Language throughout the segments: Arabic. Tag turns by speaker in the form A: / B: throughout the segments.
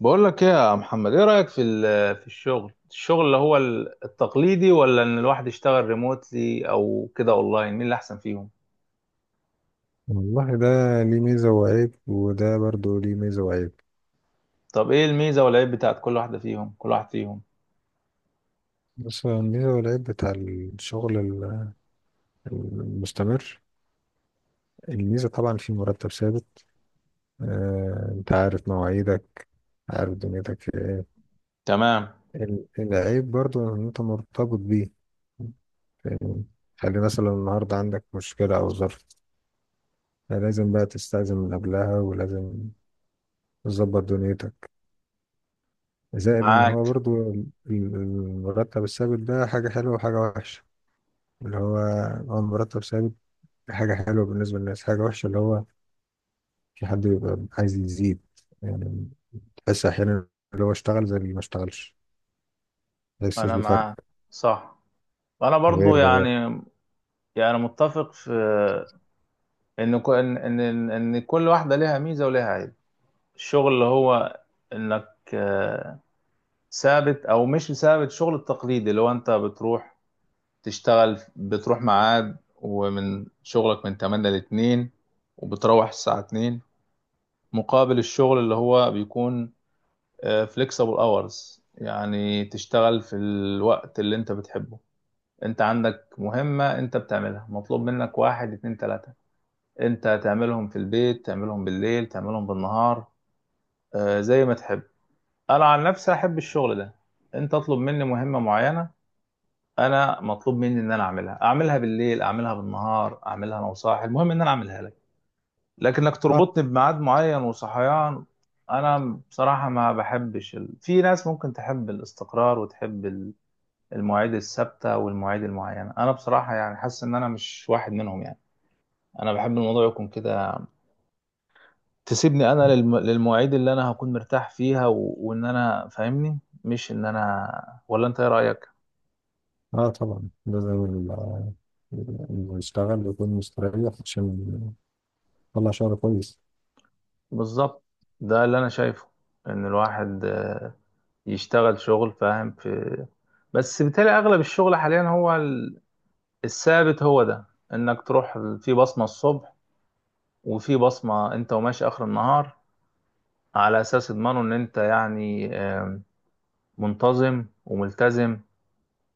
A: بقول لك ايه يا محمد؟ ايه رأيك في في الشغل اللي هو التقليدي، ولا ان الواحد يشتغل ريموتلي او كده اونلاين؟ مين اللي احسن فيهم؟
B: والله ده ليه ميزة وعيب، وده برضو ليه ميزة وعيب.
A: طب ايه الميزة والعيب بتاعت كل واحد فيهم؟
B: بس الميزة والعيب بتاع الشغل المستمر، الميزة طبعا في مرتب ثابت. انت عارف مواعيدك، عارف دنيتك في ايه.
A: تمام،
B: العيب برضو ان انت مرتبط بيه. فاهمني؟ خلي مثلا النهاردة عندك مشكلة او ظرف، لازم بقى تستأذن من قبلها، ولازم تظبط دنيتك. زائد ان هو
A: معاك.
B: برضو المرتب الثابت ده حاجة حلوة وحاجة وحشة. اللي هو مرتب ثابت، دي حاجة حلوة بالنسبة للناس. حاجة وحشة اللي هو في حد بيبقى عايز يزيد، يعني تحس أحيانا اللي هو اشتغل زي اللي ما اشتغلش، ما يحسش
A: انا
B: بفرق.
A: معاك، صح. انا برضو
B: غير.
A: يعني متفق في ان ك- ان ان ان إن كل واحدة ليها ميزة وليها عيب. الشغل اللي هو انك ثابت او مش ثابت، الشغل التقليدي اللي هو انت بتروح تشتغل، بتروح ميعاد ومن شغلك من 8 ل 2، وبتروح الساعة 2. مقابل الشغل اللي هو بيكون فليكسبل اورز، يعني تشتغل في الوقت اللي انت بتحبه، انت عندك مهمة انت بتعملها، مطلوب منك واحد اتنين تلاتة، انت تعملهم في البيت، تعملهم بالليل، تعملهم بالنهار، زي ما تحب. انا عن نفسي احب الشغل ده. انت اطلب مني مهمة معينة، انا مطلوب مني ان انا اعملها، اعملها بالليل، اعملها بالنهار، اعملها انا وصاحي، المهم ان انا اعملها لك. لكنك
B: اه
A: تربطني بميعاد معين وصحيان، انا بصراحة ما بحبش ال... في ناس ممكن تحب الاستقرار وتحب المواعيد الثابتة والمواعيد المعينة، انا بصراحة يعني حاسس ان انا مش واحد منهم يعني. انا بحب الموضوع يكون كده، تسيبني انا للمواعيد اللي انا هكون مرتاح فيها، وان انا فاهمني، مش ان انا. ولا انت ايه رأيك؟
B: اه، طبعا ده زي اللي يشتغل يكون مستريح عشان يطلع شغل كويس.
A: بالظبط، ده اللي انا شايفه، ان الواحد يشتغل شغل فاهم في. بس بالتالي اغلب الشغل حاليا هو الثابت، هو ده، انك تروح في بصمة الصبح وفي بصمة انت وماشي اخر النهار، على اساس يضمنوا ان انت يعني منتظم وملتزم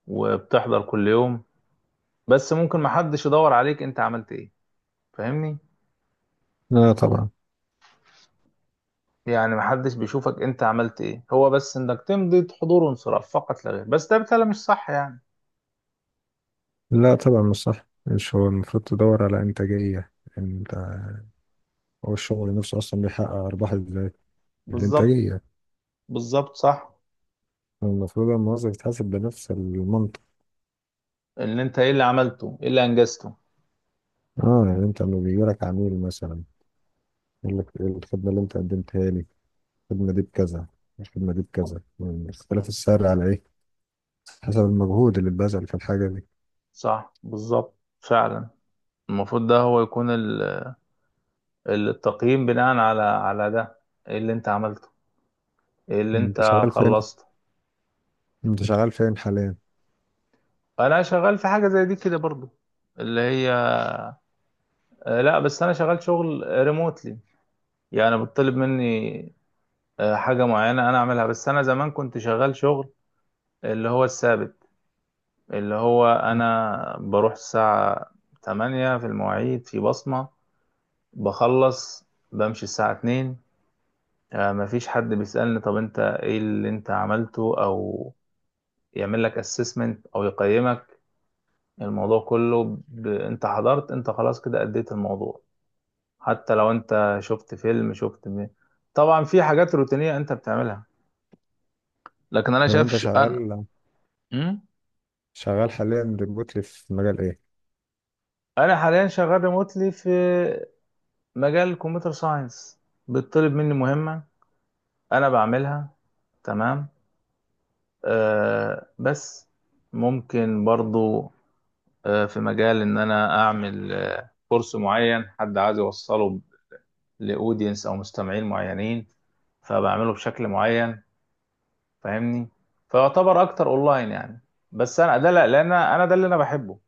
A: وبتحضر كل يوم. بس ممكن محدش يدور عليك انت عملت ايه، فاهمني.
B: لا طبعا.
A: يعني محدش بيشوفك انت عملت ايه، هو بس انك تمضي حضور وانصراف فقط لا غير، بس ده بالتالي مش صح يعني.
B: لا طبعا مش صح، مش هو المفروض تدور على إنتاجية انت؟ هو الشغل نفسه أصلا بيحقق أرباح ازاي؟
A: بالظبط.
B: بالإنتاجية.
A: بالظبط، صح.
B: المفروض الموظف يتحاسب بنفس المنطق.
A: ان انت ايه اللي عملته، ايه اللي انجزته.
B: اه، يعني انت لما بيجيلك عميل مثلا يقول لك إيه الخدمة اللي أنت قدمتها لي، الخدمة دي بكذا، الخدمة دي بكذا، اختلاف السعر على إيه؟ حسب المجهود اللي اتبذل في الحاجة دي.
A: صح، بالظبط، فعلا. المفروض ده هو يكون التقييم بناء على على ده، ايه اللي انت عملته، ايه اللي
B: أنت
A: انت
B: شغال فين
A: خلصته.
B: أنت شغال فين حاليا؟
A: انا شغال في حاجه زي دي كده برضو، اللي هي لا، بس انا شغال شغل ريموتلي. يعني بتطلب مني حاجه معينه انا اعملها. بس انا زمان كنت شغال شغل اللي هو الثابت، اللي هو انا بروح الساعه 8، في المواعيد، في بصمه، بخلص بمشي الساعه 2. مفيش حد بيسألني طب انت ايه اللي انت عملته، او يعمل لك assessment او يقيمك، الموضوع كله انت حضرت، انت خلاص كده اديت الموضوع. حتى لو انت شفت فيلم، شفت طبعا في حاجات روتينية انت بتعملها، لكن انا
B: طب أنت
A: شافش انا.
B: شغال
A: م?
B: شغال حاليا ريموتلي في مجال إيه؟
A: انا حاليا شغال ريموتلي في مجال الكمبيوتر ساينس. بتطلب مني مهمة انا بعملها، تمام. آه بس ممكن برضو في مجال ان انا اعمل كورس معين حد عايز يوصله لاودينس او مستمعين معينين، فبعمله بشكل معين، فاهمني. فيعتبر اكتر اونلاين يعني، بس انا ده لا لان انا ده اللي انا بحبه،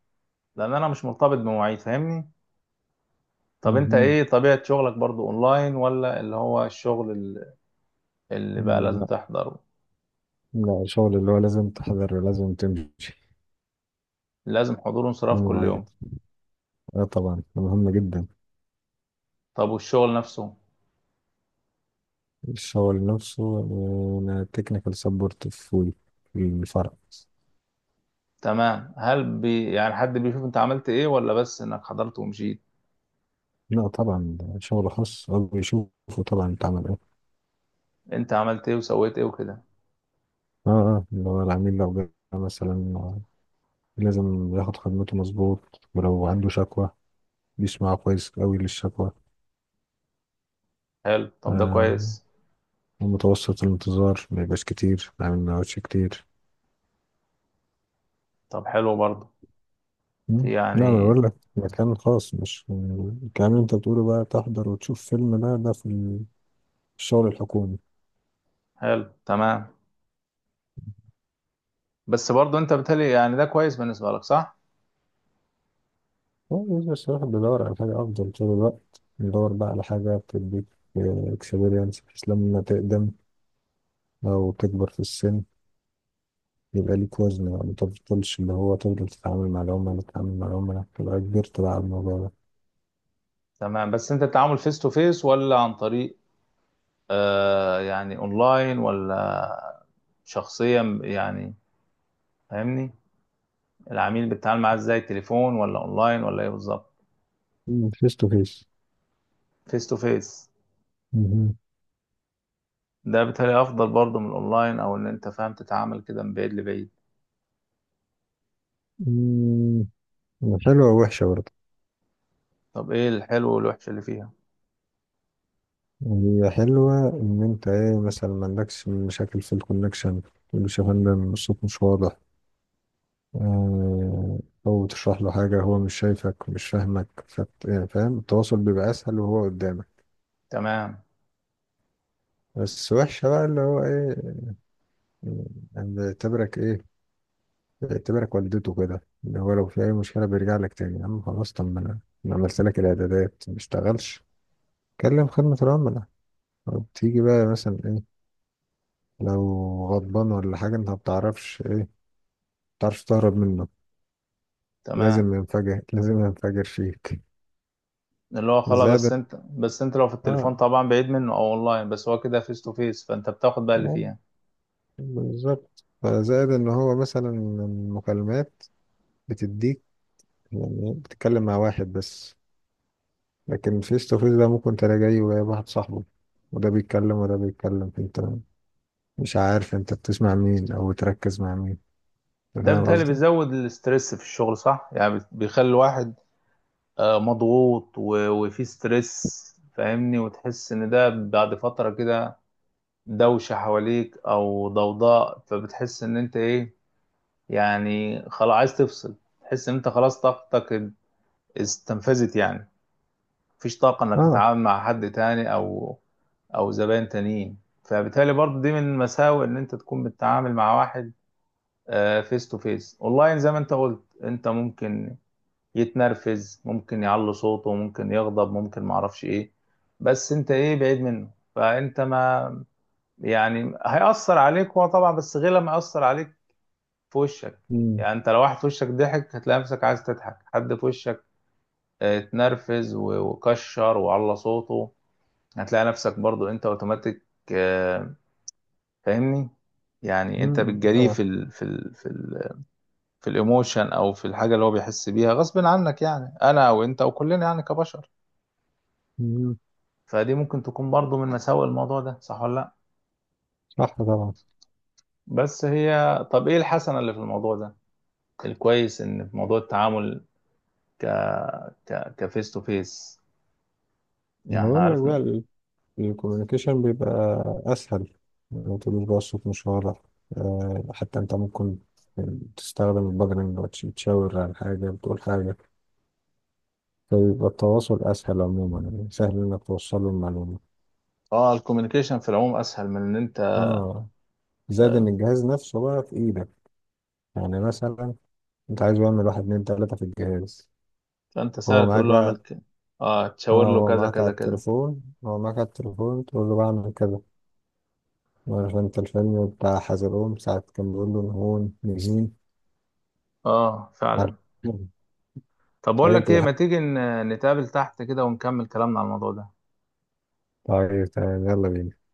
A: لان انا مش مرتبط بمواعيد، فاهمني. طب انت
B: مهم.
A: ايه طبيعة شغلك؟ برضو اونلاين ولا اللي هو الشغل اللي بقى لازم
B: لا
A: تحضره؟
B: لا، الشغل اللي هو لازم تحضر، لازم تمشي
A: لازم حضور وانصراف
B: من
A: كل
B: مواعيد.
A: يوم.
B: اه طبعا ده مهم جدا.
A: طب والشغل نفسه؟
B: الشغل نفسه، انا تكنيكال سبورت في في الفرع.
A: تمام، هل بي يعني حد بيشوف انت عملت ايه، ولا بس انك حضرت ومشيت؟
B: لا طبعا، ده شغل خاص، هو بيشوفه طبعا اتعمل.
A: انت عملت ايه وسويت ايه وكده.
B: اه اه، اللي هو العميل لو جه مثلا لازم ياخد خدمته مظبوط، ولو عنده شكوى بيسمع كويس قوي للشكوى.
A: حلو، طب ده
B: آه.
A: كويس.
B: ومتوسط الانتظار ما يبقاش كتير، يعني ما يقعدش كتير.
A: طب حلو برضه في
B: مم. لا انا
A: يعني.
B: بقول لك مكان خاص، مش الكلام اللي انت بتقوله بقى تحضر وتشوف فيلم، ده في الشغل الحكومي.
A: حلو، تمام. بس برضه انت بتهيألي يعني ده كويس بالنسبة لك، صح؟
B: هو بس الواحد بيدور على حاجة أفضل طول الوقت، بيدور بقى على حاجة بتديك اكسبيرينس بحيث لما تقدم أو تكبر في السن يبقى ليك وزن بقى، ما تفضلش اللي هو تفضل تتعامل مع العملاء، تبقى كبرت بقى على الموضوع ده.
A: تمام، بس انت التعامل فيس تو فيس ولا عن طريق يعني اونلاين، ولا شخصيا يعني، فاهمني؟ العميل بتتعامل معاه ازاي، تليفون ولا اونلاين ولا ايه بالظبط؟
B: فيس تو فيس
A: فيس تو فيس؟ ده بيتهيألي افضل برضه من الاونلاين، او ان انت فاهم تتعامل كده من بعيد لبعيد.
B: حلوة ووحشة برضه.
A: طب ايه الحلو والوحش اللي فيها؟
B: هي حلوة إن أنت إيه مثلا ما عندكش مشاكل في الكونكشن، مش يا فندم الصوت مش واضح. آه، أو تشرح له حاجة هو مش شايفك مش فاهمك، يعني فاهم، التواصل بيبقى أسهل وهو قدامك.
A: تمام.
B: بس وحشة بقى اللي هو إيه، يعني بيعتبرك إيه، اعتبرك والدته كده، اللي هو لو في أي مشكلة بيرجع لك تاني، يا عم خلاص، طب ما أنا عملت لك الإعدادات ما اشتغلش، كلم خدمة العملاء. أو تيجي بقى مثلا إيه لو غضبان ولا حاجة، أنت ما بتعرفش إيه، ما بتعرفش تهرب منه،
A: تمام،
B: لازم ينفجر، لازم ينفجر فيك.
A: اللي هو خلاص.
B: زائد.
A: بس انت لو في التليفون
B: آه
A: طبعا بعيد منه، او اونلاين. بس هو كده فيس تو فيس، فانت بتاخد بقى اللي
B: آه،
A: فيها،
B: بالظبط، فزائد إن هو مثلا المكالمات بتديك، يعني بتتكلم مع واحد بس، لكن فيس تو فيس ده ممكن تلاقي جاي وجايب واحد صاحبه، وده بيتكلم وده بيتكلم، انت مش عارف انت بتسمع مين او بتركز مع مين. أنت
A: ده
B: فاهم
A: بالتالي
B: قصدي.
A: بيزود الاسترس في الشغل، صح؟ يعني بيخلي الواحد مضغوط وفي ستريس، فاهمني. وتحس ان ده بعد فترة كده، دوشة حواليك او ضوضاء، فبتحس ان انت ايه، يعني خلاص عايز تفصل، تحس ان انت خلاص طاقتك استنفذت يعني، مفيش طاقة انك
B: اه.
A: تتعامل مع حد تاني او او زبائن تانيين، فبالتالي برضه دي من مساوئ ان انت تكون بتتعامل مع واحد فيس تو فيس. اونلاين زي ما انت قلت، انت ممكن يتنرفز، ممكن يعلي صوته، ممكن يغضب، ممكن معرفش ايه، بس انت ايه، بعيد منه، فانت ما يعني هيأثر عليك هو طبعا، بس غير لما يأثر عليك في وشك.
B: امم.
A: يعني انت لو واحد في وشك ضحك، هتلاقي نفسك عايز تضحك. حد في وشك اه، اتنرفز وكشر وعلى صوته، هتلاقي نفسك برضو انت اوتوماتيك، آه، فاهمني. يعني انت
B: مم،
A: بتجريه
B: طبعا.
A: في الايموشن، او في الحاجه اللي هو بيحس بيها غصب عنك، يعني انا او انت او كلنا يعني كبشر،
B: مم،
A: فدي ممكن تكون برضو من مساوئ الموضوع ده، صح ولا لا؟
B: صح طبعا.
A: بس هي طب ايه الحسنه اللي في الموضوع ده؟ الكويس ان في موضوع التعامل ك كفيس تو فيس، يعني
B: انا
A: احنا
B: بقول لك
A: عرفنا.
B: بقى الكوميونيكيشن بيبقى اسهل، ما تقولوش بقى الصوت مش واضح، حتى انت ممكن تستخدم البادرنج وتشاور على حاجة، بتقول حاجة، فبيبقى التواصل اسهل عموما، يعني سهل انك توصل له المعلومة.
A: اه الكوميونيكيشن في العموم اسهل من ان انت
B: اه. زاد
A: آه،
B: ان الجهاز نفسه بقى في ايدك، يعني مثلا انت عايز يعمل واحد اتنين تلاتة في الجهاز،
A: فانت
B: هو
A: سهل
B: معاك
A: تقول له اعمل
B: بقى.
A: كده. اه تشاور
B: اه
A: له كذا كذا كذا.
B: هو معاك على التليفون، تقول له بعمل كذا. عارف انت الفيلم بتاع حزلقوم ساعة كان بيقول له هون نجين؟
A: اه فعلا.
B: عارف
A: طب بقول
B: ايوه
A: لك ايه، ما
B: بتضحك.
A: تيجي نتقابل تحت كده ونكمل كلامنا على الموضوع ده؟
B: طيب تمام، يلا بينا.